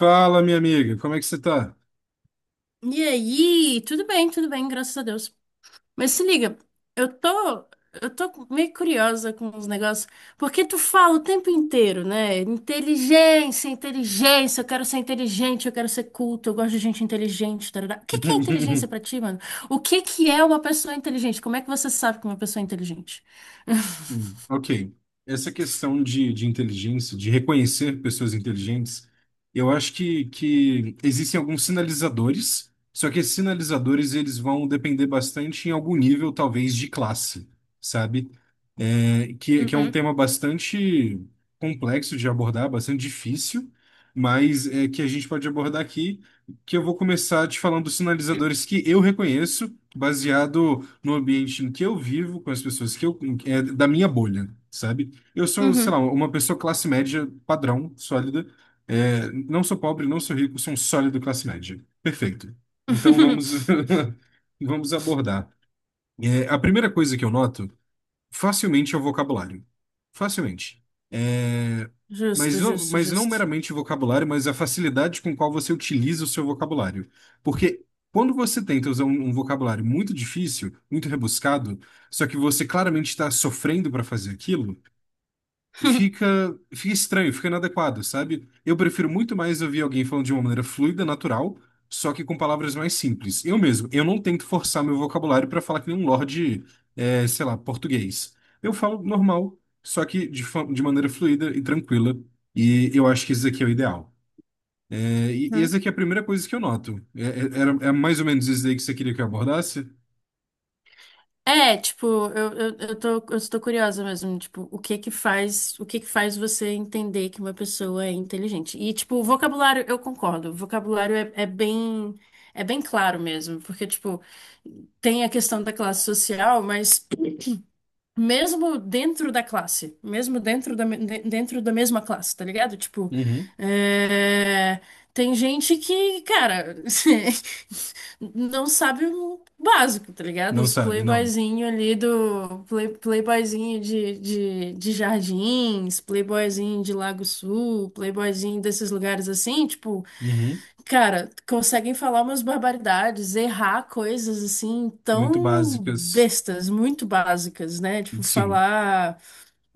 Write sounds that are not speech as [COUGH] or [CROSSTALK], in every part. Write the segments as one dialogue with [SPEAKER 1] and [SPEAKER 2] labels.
[SPEAKER 1] Fala, minha amiga, como é que você tá?
[SPEAKER 2] E aí, tudo bem, graças a Deus. Mas se liga, eu tô, eu tô meio curiosa com os negócios, porque tu fala o tempo inteiro, né? Inteligência, inteligência, eu quero ser inteligente, eu quero ser culto, eu gosto de gente inteligente, tarará. O que que é inteligência
[SPEAKER 1] [LAUGHS]
[SPEAKER 2] pra ti, mano? O que que é uma pessoa inteligente? Como é que você sabe que uma pessoa é inteligente?
[SPEAKER 1] Ok. Essa questão de inteligência, de reconhecer pessoas inteligentes, eu acho que existem alguns sinalizadores, só que esses sinalizadores eles vão depender bastante em algum nível, talvez, de classe, sabe? Que é um
[SPEAKER 2] Uhum,
[SPEAKER 1] tema bastante complexo de abordar, bastante difícil, mas é que a gente pode abordar aqui, que eu vou começar te falando dos sinalizadores que eu reconheço, baseado no ambiente em que eu vivo, com as pessoas da minha bolha, sabe? Eu sou, sei lá,
[SPEAKER 2] uhum.
[SPEAKER 1] uma pessoa classe média padrão, sólida. Não sou pobre, não sou rico, sou um sólido classe média. Perfeito. Então
[SPEAKER 2] [LAUGHS]
[SPEAKER 1] [LAUGHS] vamos abordar. A primeira coisa que eu noto facilmente é o vocabulário. Facilmente. É,
[SPEAKER 2] Justo,
[SPEAKER 1] Mas não,
[SPEAKER 2] justo,
[SPEAKER 1] mas não
[SPEAKER 2] justo.
[SPEAKER 1] meramente o vocabulário, mas a facilidade com qual você utiliza o seu vocabulário. Porque quando você tenta usar um vocabulário muito difícil, muito rebuscado, só que você claramente está sofrendo para fazer aquilo,
[SPEAKER 2] [LAUGHS]
[SPEAKER 1] fica estranho, fica inadequado, sabe? Eu prefiro muito mais ouvir alguém falando de uma maneira fluida, natural, só que com palavras mais simples. Eu mesmo, eu não tento forçar meu vocabulário para falar que nem um lorde, é, sei lá, português. Eu falo normal, só que de maneira fluida e tranquila, e eu acho que isso aqui é o ideal. E essa aqui é a primeira coisa que eu noto. É mais ou menos isso aí que você queria que eu abordasse?
[SPEAKER 2] Eu estou curiosa mesmo, tipo, o que que faz, o que que faz você entender que uma pessoa é inteligente? E, tipo, o vocabulário, eu concordo, o vocabulário é bem claro mesmo, porque, tipo, tem a questão da classe social, mas mesmo dentro da classe, mesmo dentro da, me- de- dentro da mesma classe, tá ligado? Tipo,
[SPEAKER 1] Uhum.
[SPEAKER 2] é, tem gente que, cara, [LAUGHS] não sabe o básico, tá ligado?
[SPEAKER 1] Não
[SPEAKER 2] Os
[SPEAKER 1] sabe, não.
[SPEAKER 2] playboyzinho ali do play, playboyzinho de Jardins, playboyzinho de Lago Sul, playboyzinho desses lugares assim, tipo,
[SPEAKER 1] Uhum.
[SPEAKER 2] cara, conseguem falar umas barbaridades, errar coisas assim
[SPEAKER 1] Muito
[SPEAKER 2] tão
[SPEAKER 1] básicas.
[SPEAKER 2] bestas, muito básicas, né? Tipo,
[SPEAKER 1] Sim.
[SPEAKER 2] falar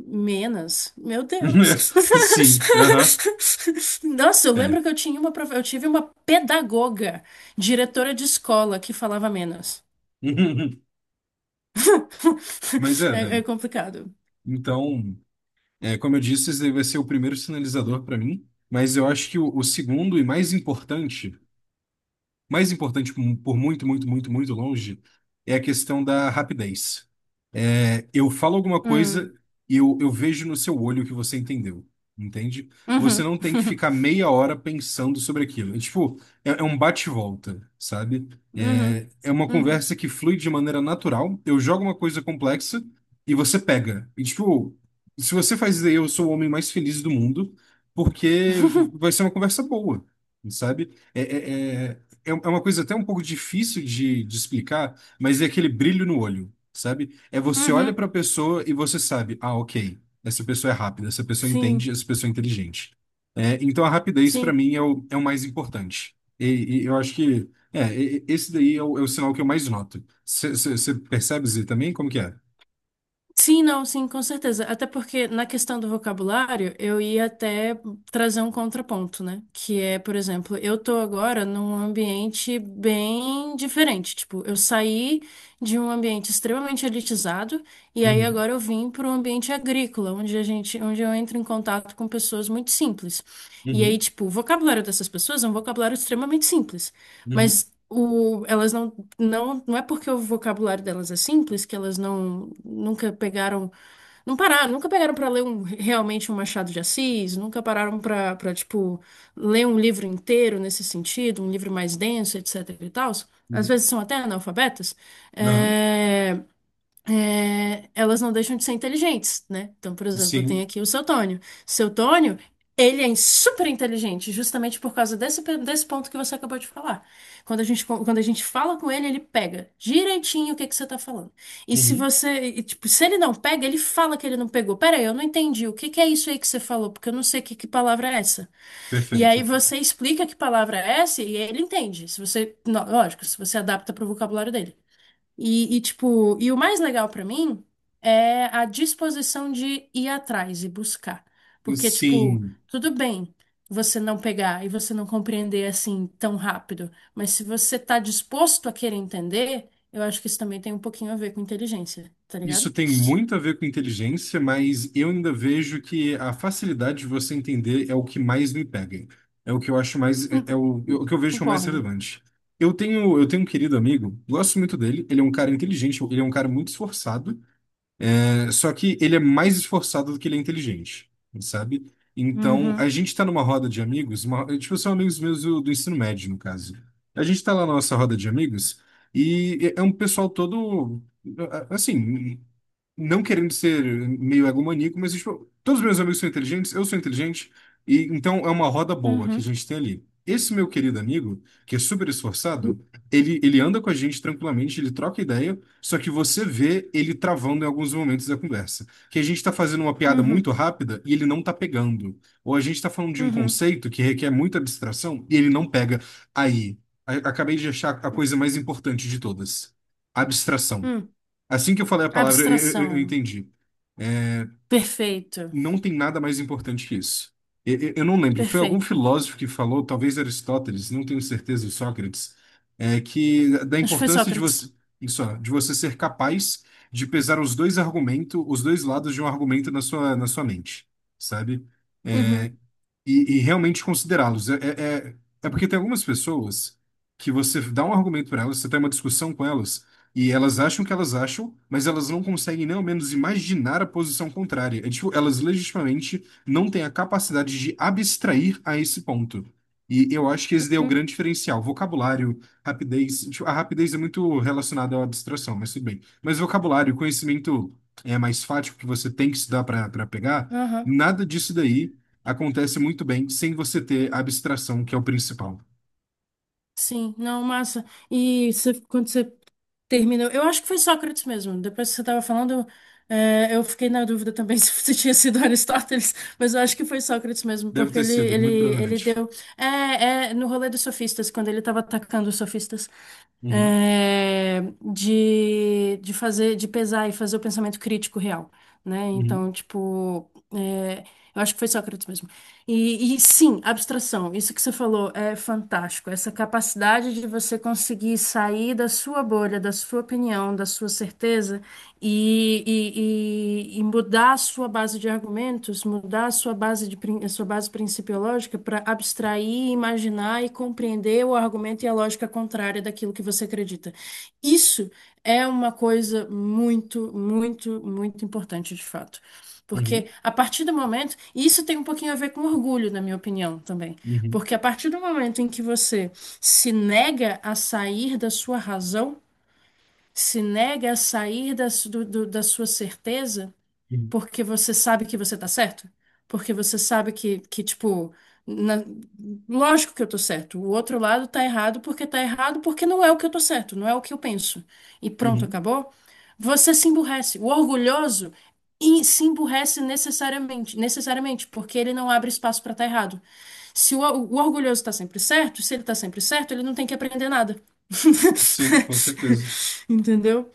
[SPEAKER 2] menos. Meu Deus.
[SPEAKER 1] [LAUGHS] Sim, aham,
[SPEAKER 2] [LAUGHS] Nossa, eu
[SPEAKER 1] é.
[SPEAKER 2] lembro que eu tinha uma, eu tive uma pedagoga, diretora de escola, que falava menos.
[SPEAKER 1] [LAUGHS] Mas
[SPEAKER 2] [LAUGHS]
[SPEAKER 1] é,
[SPEAKER 2] É, é
[SPEAKER 1] velho.
[SPEAKER 2] complicado.
[SPEAKER 1] Então, como eu disse, esse daí vai ser o primeiro sinalizador para mim. Mas eu acho que o segundo e mais importante, mais importante por muito, muito, muito, muito longe, é a questão da rapidez. É, eu falo alguma coisa
[SPEAKER 2] Hum.
[SPEAKER 1] e eu vejo no seu olho que você entendeu, entende? Você
[SPEAKER 2] Uhum.
[SPEAKER 1] não tem que ficar
[SPEAKER 2] [LAUGHS]
[SPEAKER 1] meia hora pensando sobre aquilo. É um bate e volta, sabe? É,
[SPEAKER 2] Uhum.
[SPEAKER 1] é uma
[SPEAKER 2] Uhum.
[SPEAKER 1] conversa que flui de maneira natural. Eu jogo uma coisa complexa e você pega. E, tipo, se você faz isso aí, eu sou o homem mais feliz do mundo, porque vai ser
[SPEAKER 2] [LAUGHS]
[SPEAKER 1] uma conversa boa, sabe? É uma coisa até um pouco difícil de explicar, mas é aquele brilho no olho, sabe? É, você olha
[SPEAKER 2] Uhum.
[SPEAKER 1] para a pessoa e você sabe, ah, ok, essa pessoa é rápida, essa pessoa entende,
[SPEAKER 2] Sim,
[SPEAKER 1] essa pessoa é inteligente. É, então a rapidez para
[SPEAKER 2] sim.
[SPEAKER 1] mim é o mais importante. E eu acho que esse daí é o sinal que eu mais noto. Você percebe isso também? Como que é?
[SPEAKER 2] Sim, não, sim, com certeza. Até porque na questão do vocabulário, eu ia até trazer um contraponto, né? Que é, por exemplo, eu tô agora num ambiente bem diferente. Tipo, eu saí de um ambiente extremamente elitizado e aí
[SPEAKER 1] Uhum,
[SPEAKER 2] agora eu vim para um ambiente agrícola, onde eu entro em contato com pessoas muito simples. E aí,
[SPEAKER 1] uhum,
[SPEAKER 2] tipo, o vocabulário dessas pessoas é um vocabulário extremamente simples,
[SPEAKER 1] uhum,
[SPEAKER 2] mas elas não não é porque o vocabulário delas é simples que elas nunca pegaram, não pararam, nunca pegaram para ler um, realmente um Machado de Assis, nunca pararam para tipo ler um livro inteiro nesse sentido, um livro mais denso, etc e tal. Às
[SPEAKER 1] uhum.
[SPEAKER 2] vezes são até analfabetas.
[SPEAKER 1] Não,
[SPEAKER 2] É, elas não deixam de ser inteligentes, né? Então, por exemplo, eu tenho
[SPEAKER 1] sim,
[SPEAKER 2] aqui o seu Tônio. Seu Tônio, ele é super inteligente, justamente por causa desse ponto que você acabou de falar. Quando a gente fala com ele, ele pega direitinho o que que você tá falando. E se
[SPEAKER 1] uhum.
[SPEAKER 2] você, e, tipo, se ele não pega, ele fala que ele não pegou. Pera aí, eu não entendi. O que que é isso aí que você falou? Porque eu não sei que palavra é essa. E aí
[SPEAKER 1] Perfeito.
[SPEAKER 2] você explica que palavra é essa e ele entende. Se você, não, lógico, se você adapta pro vocabulário dele. E o mais legal pra mim é a disposição de ir atrás e buscar. Porque, tipo,
[SPEAKER 1] Sim.
[SPEAKER 2] tudo bem você não pegar e você não compreender assim tão rápido, mas se você tá disposto a querer entender, eu acho que isso também tem um pouquinho a ver com inteligência, tá ligado?
[SPEAKER 1] Isso tem muito a ver com inteligência, mas eu ainda vejo que a facilidade de você entender é o que mais me pega. É o que eu acho mais,
[SPEAKER 2] Hum,
[SPEAKER 1] é o que eu vejo como mais
[SPEAKER 2] Concordo.
[SPEAKER 1] relevante. Eu tenho um querido amigo, gosto muito dele, ele é um cara inteligente, ele é um cara muito esforçado, é, só que ele é mais esforçado do que ele é inteligente, sabe? Então, a
[SPEAKER 2] Uhum,
[SPEAKER 1] gente tá numa roda de amigos, tipo, são amigos meus do ensino médio, no caso. A gente tá lá na nossa roda de amigos e é um pessoal todo assim, não querendo ser meio egomaníaco, mas tipo, todos os meus amigos são inteligentes, eu sou inteligente, e então é uma roda boa que a
[SPEAKER 2] uhum,
[SPEAKER 1] gente tem ali. Esse meu querido amigo, que é super esforçado, ele anda com a gente tranquilamente, ele troca ideia, só que você vê ele travando em alguns momentos da conversa. Que a gente tá fazendo uma piada
[SPEAKER 2] uhum,
[SPEAKER 1] muito rápida e ele não tá pegando. Ou a gente tá falando de um
[SPEAKER 2] uhum,
[SPEAKER 1] conceito que requer muita abstração e ele não pega. Aí, acabei de achar a coisa mais importante de todas: abstração.
[SPEAKER 2] uhum.
[SPEAKER 1] Assim que eu falei a palavra, eu
[SPEAKER 2] Abstração.
[SPEAKER 1] entendi.
[SPEAKER 2] Perfeito,
[SPEAKER 1] Não tem nada mais importante que isso. Eu não lembro, foi algum
[SPEAKER 2] perfeito.
[SPEAKER 1] filósofo que falou, talvez Aristóteles, não tenho certeza, e Sócrates, é, que da
[SPEAKER 2] Acho que foi
[SPEAKER 1] importância de
[SPEAKER 2] Sócrates.
[SPEAKER 1] você, isso, ó, de você ser capaz de pesar os dois argumentos, os dois lados de um argumento na na sua mente, sabe?
[SPEAKER 2] Uhum,
[SPEAKER 1] É, e realmente considerá-los. É porque tem algumas pessoas que você dá um argumento para elas, você tem uma discussão com elas, e elas acham o que elas acham, mas elas não conseguem nem ao menos imaginar a posição contrária. É tipo, elas legitimamente não têm a capacidade de abstrair a esse ponto. E eu acho que esse daí é o
[SPEAKER 2] uhum,
[SPEAKER 1] grande diferencial. Vocabulário, rapidez. Tipo, a rapidez é muito relacionada à abstração, mas tudo bem. Mas vocabulário, conhecimento é mais fático que você tem que estudar para pegar,
[SPEAKER 2] aham.
[SPEAKER 1] nada disso daí acontece muito bem sem você ter a abstração, que é o principal.
[SPEAKER 2] Sim, não, massa. Quando você terminou, eu acho que foi Sócrates mesmo. Depois que você estava falando, eu fiquei na dúvida também [LAUGHS] se você tinha sido Aristóteles, mas eu acho que foi Sócrates mesmo,
[SPEAKER 1] Deve
[SPEAKER 2] porque
[SPEAKER 1] ter
[SPEAKER 2] ele,
[SPEAKER 1] sido,
[SPEAKER 2] ele,
[SPEAKER 1] muito
[SPEAKER 2] ele
[SPEAKER 1] provavelmente.
[SPEAKER 2] deu. É, é no rolê dos sofistas, quando ele estava atacando os sofistas,
[SPEAKER 1] Uhum,
[SPEAKER 2] é, de fazer, de pesar e fazer o pensamento crítico real, né?
[SPEAKER 1] uhum,
[SPEAKER 2] Então, tipo. É, eu acho que foi Sócrates mesmo. E sim, abstração, isso que você falou é fantástico. Essa capacidade de você conseguir sair da sua bolha, da sua opinião, da sua certeza e mudar a sua base de argumentos, mudar a sua base a sua base principiológica para abstrair, imaginar e compreender o argumento e a lógica contrária daquilo que você acredita. Isso é uma coisa muito, muito, muito importante de fato.
[SPEAKER 1] uhum,
[SPEAKER 2] Porque a partir do momento, e isso tem um pouquinho a ver com orgulho, na minha opinião também.
[SPEAKER 1] uhum,
[SPEAKER 2] Porque a partir do momento em que você se nega a sair da sua razão, se nega a sair da, da sua certeza,
[SPEAKER 1] uhum,
[SPEAKER 2] porque você sabe que você tá certo, porque você sabe que tipo, na- lógico que eu tô certo, o outro lado tá errado, porque não é o que eu tô certo, não é o que eu penso. E pronto,
[SPEAKER 1] uhum.
[SPEAKER 2] acabou. Você se emburrece. O orgulhoso e se emburrece necessariamente, necessariamente, porque ele não abre espaço pra estar errado. Se o orgulhoso tá sempre certo, se ele tá sempre certo, ele não tem que aprender nada.
[SPEAKER 1] Sim, com certeza.
[SPEAKER 2] [LAUGHS] Entendeu?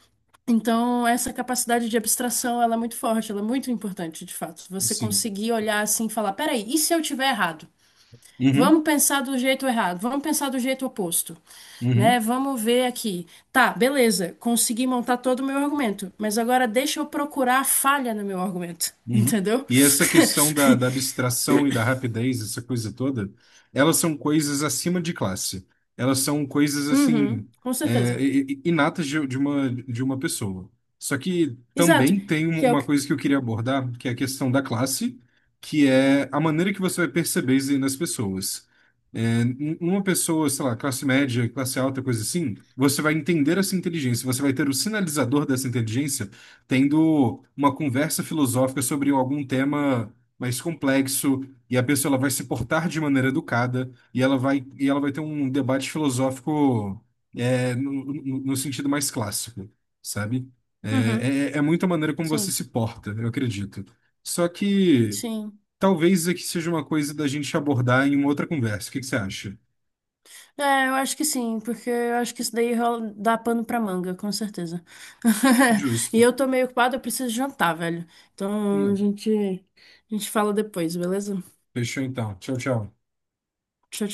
[SPEAKER 2] Então, essa capacidade de abstração, ela é muito forte, ela é muito importante, de fato. Você
[SPEAKER 1] Sim.
[SPEAKER 2] conseguir olhar assim e falar, peraí, e se eu tiver errado?
[SPEAKER 1] Uhum,
[SPEAKER 2] Vamos pensar do jeito errado, vamos pensar do jeito oposto, né?
[SPEAKER 1] uhum.
[SPEAKER 2] Vamos ver aqui. Tá, beleza, consegui montar todo o meu argumento, mas agora deixa eu procurar a falha no meu argumento,
[SPEAKER 1] Uhum.
[SPEAKER 2] entendeu?
[SPEAKER 1] E essa questão da
[SPEAKER 2] [LAUGHS]
[SPEAKER 1] abstração e da rapidez, essa coisa toda, elas são coisas acima de classe. Elas são coisas
[SPEAKER 2] Uhum,
[SPEAKER 1] assim,
[SPEAKER 2] com certeza.
[SPEAKER 1] inatas de uma, de uma pessoa. Só que
[SPEAKER 2] Exato,
[SPEAKER 1] também tem
[SPEAKER 2] que é o
[SPEAKER 1] uma
[SPEAKER 2] que...
[SPEAKER 1] coisa que eu queria abordar, que é a questão da classe, que é a maneira que você vai perceber isso aí nas pessoas. É, uma pessoa, sei lá, classe média, classe alta, coisa assim, você vai entender essa inteligência, você vai ter o sinalizador dessa inteligência tendo uma conversa filosófica sobre algum tema mais complexo e a pessoa ela vai se portar de maneira educada e ela vai ter um debate filosófico, é, no sentido mais clássico, sabe?
[SPEAKER 2] Uhum,
[SPEAKER 1] É, é muita maneira como você
[SPEAKER 2] sim,
[SPEAKER 1] se porta, eu acredito. Só que
[SPEAKER 2] sim.
[SPEAKER 1] talvez isso aqui seja uma coisa da gente abordar em uma outra conversa. O que que você acha?
[SPEAKER 2] É, eu acho que sim, porque eu acho que isso daí rola- dá pano pra manga, com certeza. [LAUGHS] E
[SPEAKER 1] Justo.
[SPEAKER 2] eu tô meio ocupada, eu preciso jantar, velho. Então a
[SPEAKER 1] Não.
[SPEAKER 2] gente, a gente fala depois, beleza?
[SPEAKER 1] Fechou então. Tchau, tchau.
[SPEAKER 2] Tchau,